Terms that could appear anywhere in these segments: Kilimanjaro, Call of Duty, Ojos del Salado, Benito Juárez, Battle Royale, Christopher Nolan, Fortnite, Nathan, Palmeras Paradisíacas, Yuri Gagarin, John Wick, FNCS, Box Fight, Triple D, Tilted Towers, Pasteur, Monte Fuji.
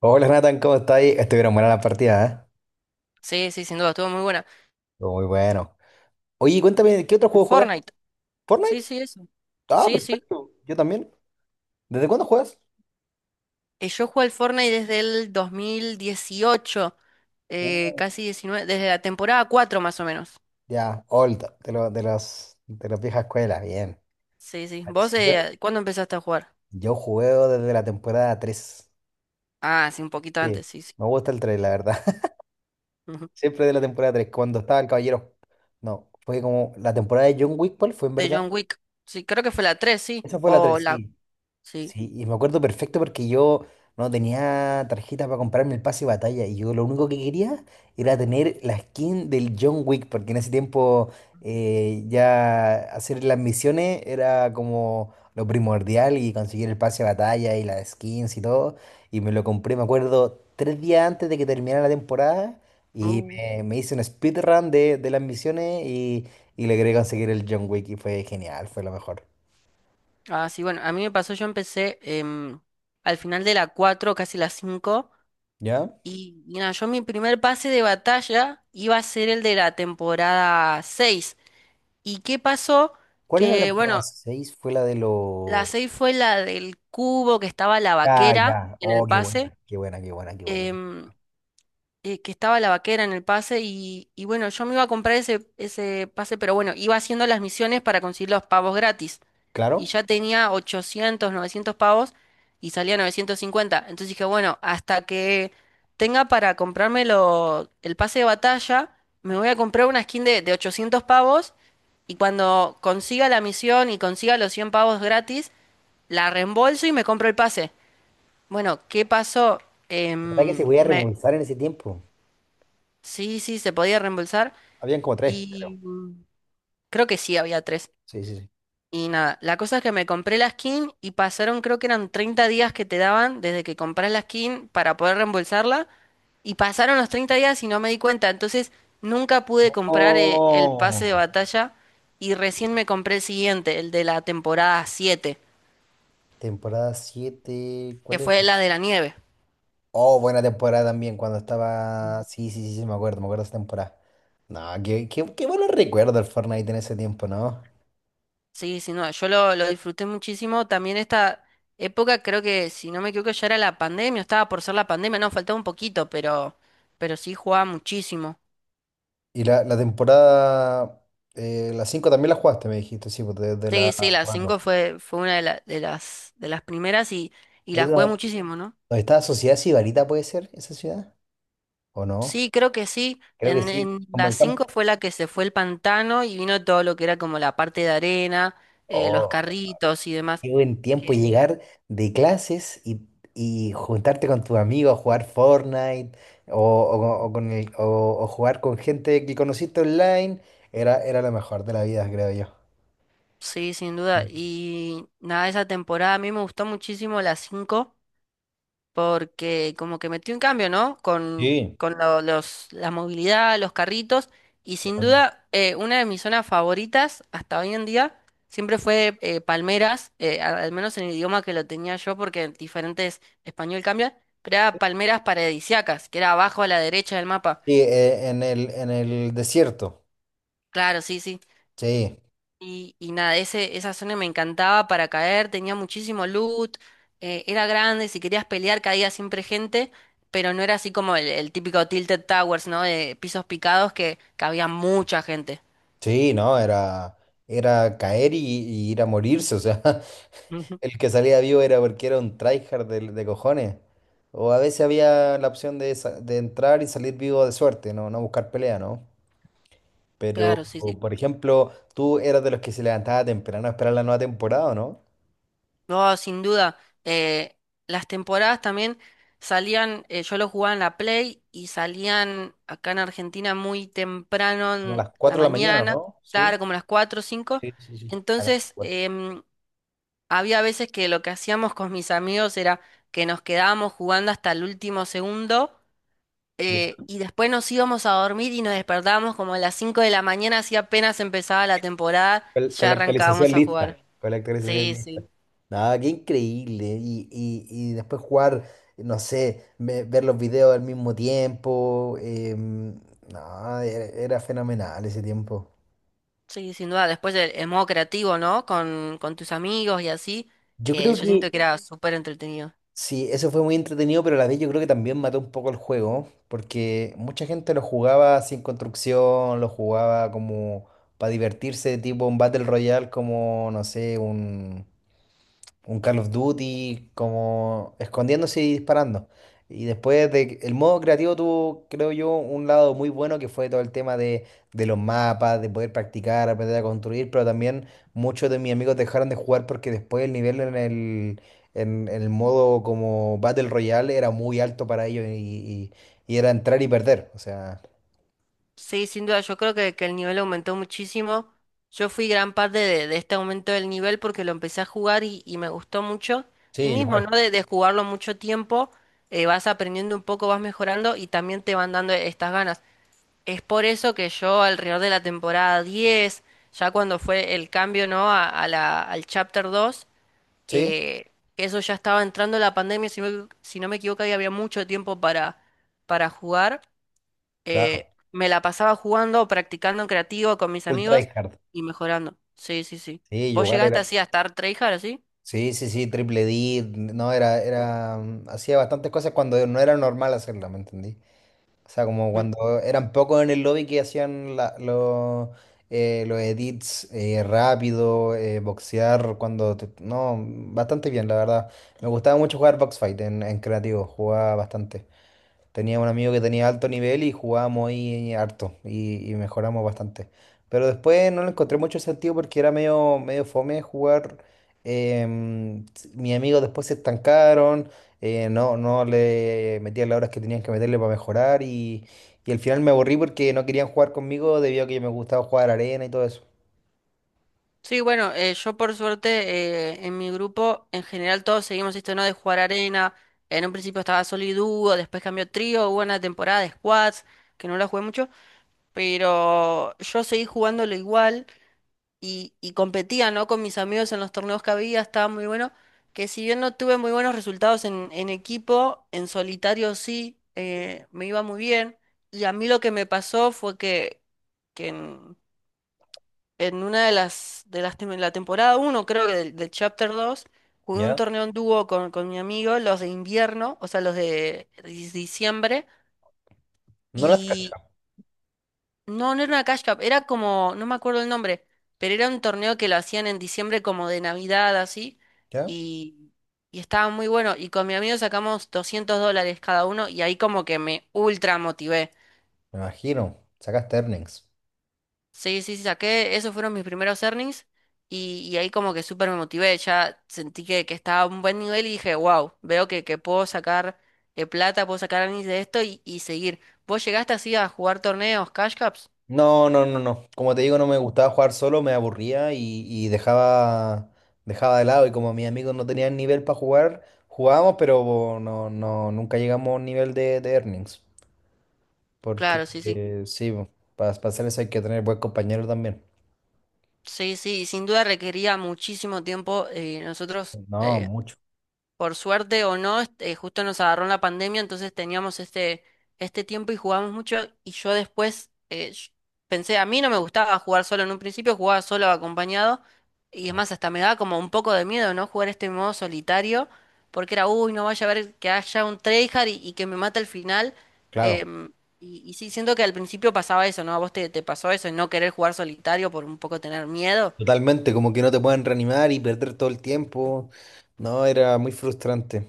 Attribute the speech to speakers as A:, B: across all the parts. A: Hola Nathan, ¿cómo estáis? Estuvieron buenas las partidas, ¿eh?
B: Sí, sí, sin duda, estuvo muy buena.
A: Estuvo muy bueno. Oye, cuéntame, ¿qué otro
B: El
A: juego juegas?
B: Fortnite.
A: ¿Fortnite?
B: Sí, sí, eso.
A: Ah,
B: Sí, sí.
A: perfecto. Yo también. ¿Desde cuándo juegas?
B: Yo juego al Fortnite desde el 2018,
A: Uh,
B: casi 19, desde la temporada 4 más o menos.
A: ya, old, de los de las viejas escuelas, bien.
B: Sí, sí.
A: Sí,
B: ¿Vos
A: yo,
B: cuándo empezaste a jugar?
A: juego desde la temporada 3.
B: Ah, sí, un poquito
A: Sí,
B: antes, sí, sí.
A: me gusta el 3, la verdad.
B: Ujú.
A: Siempre de la temporada tres, cuando estaba el Caballero. No, fue como la temporada de John Wick, ¿cuál fue en
B: De John
A: verdad?
B: Wick. Sí, creo que fue la 3, sí.
A: Esa fue la 3, sí.
B: Sí.
A: Sí, y me acuerdo perfecto porque yo no tenía tarjeta para comprarme el pase de batalla, y yo lo único que quería era tener la skin del John Wick, porque en ese tiempo ya hacer las misiones era como lo primordial, y conseguir el pase de batalla y las skins y todo. Y me lo compré, me acuerdo, tres días antes de que terminara la temporada, y
B: Uh.
A: me hice un speedrun de las misiones, y logré conseguir el John Wick y fue genial, fue lo mejor.
B: Ah, sí, bueno, a mí me pasó, yo empecé al final de la 4, casi la 5.
A: ¿Ya?
B: Y nada, yo mi primer pase de batalla iba a ser el de la temporada 6. ¿Y qué pasó?
A: ¿Cuál es la
B: Que
A: temporada
B: bueno,
A: 6? Fue la de
B: la
A: los...
B: 6 fue la del cubo, que estaba la
A: Ah,
B: vaquera
A: ya.
B: en el
A: Oh, qué
B: pase.
A: buena, qué buena, qué buena, qué buena.
B: em, que estaba la vaquera en el pase y bueno, yo me iba a comprar ese, ese pase, pero bueno, iba haciendo las misiones para conseguir los pavos gratis. Y
A: Claro.
B: ya tenía 800 900 pavos y salía 950. Entonces dije, bueno, hasta que tenga para comprarme el pase de batalla, me voy a comprar una skin de 800 pavos, y cuando consiga la misión y consiga los 100 pavos gratis, la reembolso y me compro el pase. Bueno, ¿qué pasó?
A: La verdad que se
B: Em,
A: podía
B: me...
A: remontar en ese tiempo.
B: Sí, sí, se podía reembolsar.
A: Habían como tres, creo.
B: y mm, Creo que sí había tres.
A: Sí, sí, sí.
B: Y nada, la cosa es que me compré la skin y pasaron, creo que eran 30 días que te daban desde que compras la skin para poder reembolsarla. Y pasaron los 30 días y no me di cuenta. Entonces nunca pude comprar el pase
A: Oh.
B: de batalla, y recién me compré el siguiente, el de la temporada 7,
A: ¿Temporada siete,
B: que
A: cuál era?
B: fue la de la nieve.
A: Oh, buena temporada también, cuando estaba... Sí, sí, sí, sí, me acuerdo de esa temporada. No, qué, qué, qué buenos recuerdos del Fortnite en ese tiempo, ¿no?
B: Sí, sí, no, yo lo disfruté muchísimo. También esta época, creo que, si no me equivoco, ya era la pandemia, estaba por ser la pandemia, no, faltaba un poquito, pero sí jugaba muchísimo.
A: Y la temporada... la 5 también la jugaste, me dijiste, sí, pues desde la
B: Sí, sí, la 5 fue, fue una de, de las primeras, y la jugué
A: 4.
B: muchísimo, ¿no?
A: ¿Dónde está Sociedad Sibarita, puede ser esa ciudad? ¿O no?
B: Sí, creo que sí.
A: Creo que sí,
B: En
A: como
B: la
A: el
B: 5
A: campo.
B: fue la que se fue el pantano y vino todo lo que era como la parte de arena, los
A: Oh,
B: carritos y demás.
A: qué buen tiempo
B: Que,
A: llegar de clases y juntarte con tus amigos a jugar Fortnite o, o con o jugar con gente que conociste online. Era, era lo mejor de la vida, creo yo.
B: sí, sin
A: Sí,
B: duda. Y nada, esa temporada a mí me gustó muchísimo la 5, porque como que metió un cambio, ¿no?
A: sí,
B: Con los, la movilidad, los carritos, y sin
A: totalmente.
B: duda una de mis zonas favoritas hasta hoy en día siempre fue Palmeras, al menos en el idioma que lo tenía yo, porque en diferentes español cambia, pero era Palmeras Paradisíacas, que era abajo a la derecha del mapa.
A: Sí, en el desierto.
B: Claro, sí, sí.
A: Sí,
B: Y nada, ese, esa zona me encantaba para caer, tenía muchísimo loot, era grande, si querías pelear caía siempre gente, pero no era así como el típico Tilted Towers, ¿no? De pisos picados, que había mucha gente.
A: sí, no, era, era caer y ir a morirse, o sea,
B: Ujú.
A: el que salía vivo era porque era un tryhard de cojones. O a veces había la opción de, de entrar y salir vivo de suerte, no, no buscar pelea, ¿no? Pero,
B: Claro, sí, sí.
A: o, por ejemplo, tú eras de los que se levantaba temprano a esperar la nueva temporada, ¿o no?
B: No, sin duda. Las temporadas también salían, yo lo jugaba en la Play y salían acá en Argentina muy temprano
A: ¿Como a
B: en
A: las
B: la
A: 4 de la mañana, o
B: mañana,
A: no? Sí.
B: claro, como las 4 o 5.
A: Sí, sí, sí. Acá,
B: Entonces,
A: igual.
B: había veces que lo que hacíamos con mis amigos era que nos quedábamos jugando hasta el último segundo, y después nos íbamos a dormir y nos despertábamos como a las 5 de la mañana, así apenas empezaba la temporada,
A: Con
B: ya
A: la actualización
B: arrancábamos a jugar.
A: lista. Con la actualización
B: Sí,
A: lista.
B: sí,
A: No, qué increíble. Y después jugar, no sé, ver los videos al mismo tiempo. No, era, era fenomenal ese tiempo.
B: sí, sin duda. Después el modo creativo, ¿no? Con tus amigos y así,
A: Yo
B: que
A: creo
B: yo siento
A: que
B: que era, sí, súper entretenido.
A: sí, eso fue muy entretenido, pero a la vez yo creo que también mató un poco el juego, porque mucha gente lo jugaba sin construcción, lo jugaba como para divertirse, tipo un Battle Royale, como, no sé, un Call of Duty, como escondiéndose y disparando. Y después de, el modo creativo tuvo, creo yo, un lado muy bueno que fue todo el tema de los mapas, de poder practicar, aprender a construir, pero también muchos de mis amigos dejaron de jugar porque después el nivel en el modo como Battle Royale era muy alto para ellos y era entrar y perder. O sea,
B: Sí, sin duda, yo creo que el nivel aumentó muchísimo. Yo fui gran parte de este aumento del nivel porque lo empecé a jugar y me gustó mucho.
A: sí,
B: Y mismo,
A: igual.
B: ¿no? De jugarlo mucho tiempo, vas aprendiendo un poco, vas mejorando y también te van dando estas ganas. Es por eso que yo, alrededor de la temporada 10, ya cuando fue el cambio, ¿no? A la, al Chapter 2,
A: Sí,
B: eh, eso ya estaba entrando la pandemia, si no, si no me equivoco, y había mucho tiempo para jugar.
A: claro.
B: Me la pasaba jugando, practicando en creativo con mis
A: Full
B: amigos
A: tryhard.
B: y mejorando. Sí, sí, sí.
A: Sí,
B: ¿Vos
A: igual
B: llegaste
A: era.
B: así a estar tryhard así?
A: Sí, sí, sí, Triple D, no, era, era, hacía bastantes cosas cuando no era normal hacerla, ¿me entendí? O sea, como
B: Mm.
A: cuando eran pocos en el lobby que hacían los edits rápido, boxear, cuando, no, bastante bien, la verdad. Me gustaba mucho jugar Box Fight en creativo, jugaba bastante. Tenía un amigo que tenía alto nivel y jugábamos ahí harto y mejoramos bastante. Pero después no le encontré mucho sentido porque era medio, medio fome jugar. Mis amigos después se estancaron, no, no le metían las horas que tenían que meterle para mejorar, y al final me aburrí porque no querían jugar conmigo debido a que me gustaba jugar arena y todo eso.
B: Sí, bueno, yo por suerte en mi grupo en general todos seguimos esto, ¿no? De jugar arena. En un principio estaba solo y dúo, después cambió trío, hubo una temporada de squads que no la jugué mucho, pero yo seguí jugándolo igual. Y, y competía, ¿no? Con mis amigos en los torneos que había, estaba muy bueno. Que si bien no tuve muy buenos resultados en equipo, en solitario sí, me iba muy bien. Y a mí lo que me pasó fue que en una de las, la temporada 1, creo que del, del Chapter dos, jugué un
A: ¿Ya?
B: torneo en dúo con mi amigo, los de invierno, o sea, los de diciembre.
A: No las cachaba.
B: No, no era una Cash Cup, era como, no me acuerdo el nombre, pero era un torneo que lo hacían en diciembre como de Navidad, así,
A: ¿Ya?
B: y, y estaba muy bueno. Y con mi amigo sacamos $200 cada uno y ahí como que me ultra motivé.
A: Me imagino. Sacaste earnings.
B: Sí, sí, sí, saqué, esos fueron mis primeros earnings, y ahí como que súper me motivé, ya sentí que estaba a un buen nivel y dije, wow, veo que puedo sacar plata, puedo sacar earnings de esto y seguir. ¿Vos llegaste así a jugar torneos, Cash Cups?
A: No, no, no, no. Como te digo, no me gustaba jugar solo, me aburría y dejaba, dejaba de lado. Y como mis amigos no tenían nivel para jugar, jugábamos, pero no, no, nunca llegamos a un nivel de earnings. Porque
B: Claro, sí, sí.
A: sí, para hacer eso hay que tener buen compañero también.
B: Sí, sí, sin duda requería muchísimo tiempo. Nosotros,
A: No, mucho.
B: por suerte o no, justo nos agarró en la pandemia, entonces teníamos este, este tiempo y jugamos mucho. Y yo después pensé, a mí no me gustaba jugar solo en un principio, jugaba solo o acompañado. Y es
A: Claro.
B: más, hasta me daba como un poco de miedo, ¿no? Jugar este modo solitario, porque era, uy, no vaya a ver que haya un tryhard y que me mate al final.
A: Claro.
B: em, y, y sí, siento que al principio pasaba eso, ¿no? ¿A vos te, te pasó eso, no querer jugar solitario por un poco tener miedo?
A: Totalmente, como que no te pueden reanimar y perder todo el tiempo. No, era muy frustrante.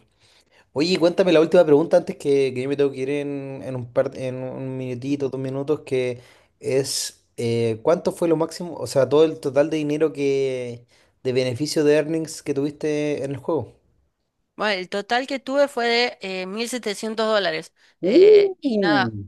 A: Oye, cuéntame la última pregunta antes que yo me tengo que ir en un par, en un minutito, dos minutos, que es ¿cuánto fue lo máximo? O sea, todo el total de dinero de beneficio de earnings que tuviste en el juego.
B: Bueno, el total que tuve fue de $1,700. Y nada,
A: Uh.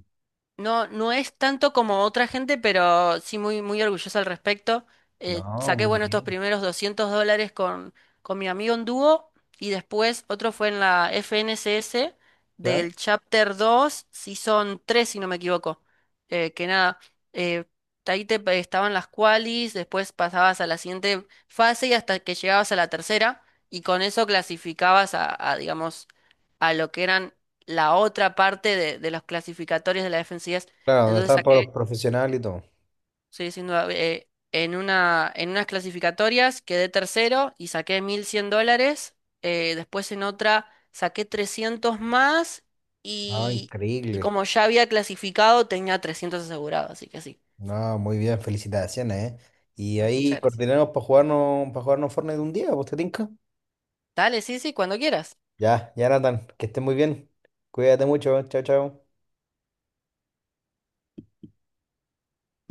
B: no, no es tanto como otra gente, pero sí muy, muy orgullosa al respecto.
A: No,
B: Saqué,
A: muy
B: bueno, estos
A: bien.
B: primeros $200 con mi amigo en dúo, y después otro fue en la FNCS
A: ¿Ya?
B: del Chapter 2, si son 3 si no me equivoco. Que nada, eh, ahí te estaban las qualis, después pasabas a la siguiente fase y hasta que llegabas a la tercera, y con eso clasificabas a digamos, a lo que eran la otra parte de los clasificatorios de la FNCS.
A: Claro, donde
B: Entonces
A: estaban todos
B: saqué,
A: los profesionales y todo.
B: estoy diciendo, en una, en unas clasificatorias quedé tercero y saqué $1,100. Después en otra saqué 300 más,
A: Ah,
B: y, y
A: increíble.
B: como ya había clasificado tenía 300 asegurados, así que sí.
A: No, muy bien, felicitaciones, ¿eh? Y
B: Ah,
A: ahí
B: muchas gracias.
A: coordinamos para jugarnos Fortnite un día, ¿vos te tinca?
B: Dale, sí, sí, cuando quieras.
A: Ya, ya Nathan, que estés muy bien. Cuídate mucho, ¿eh? Chao, chao.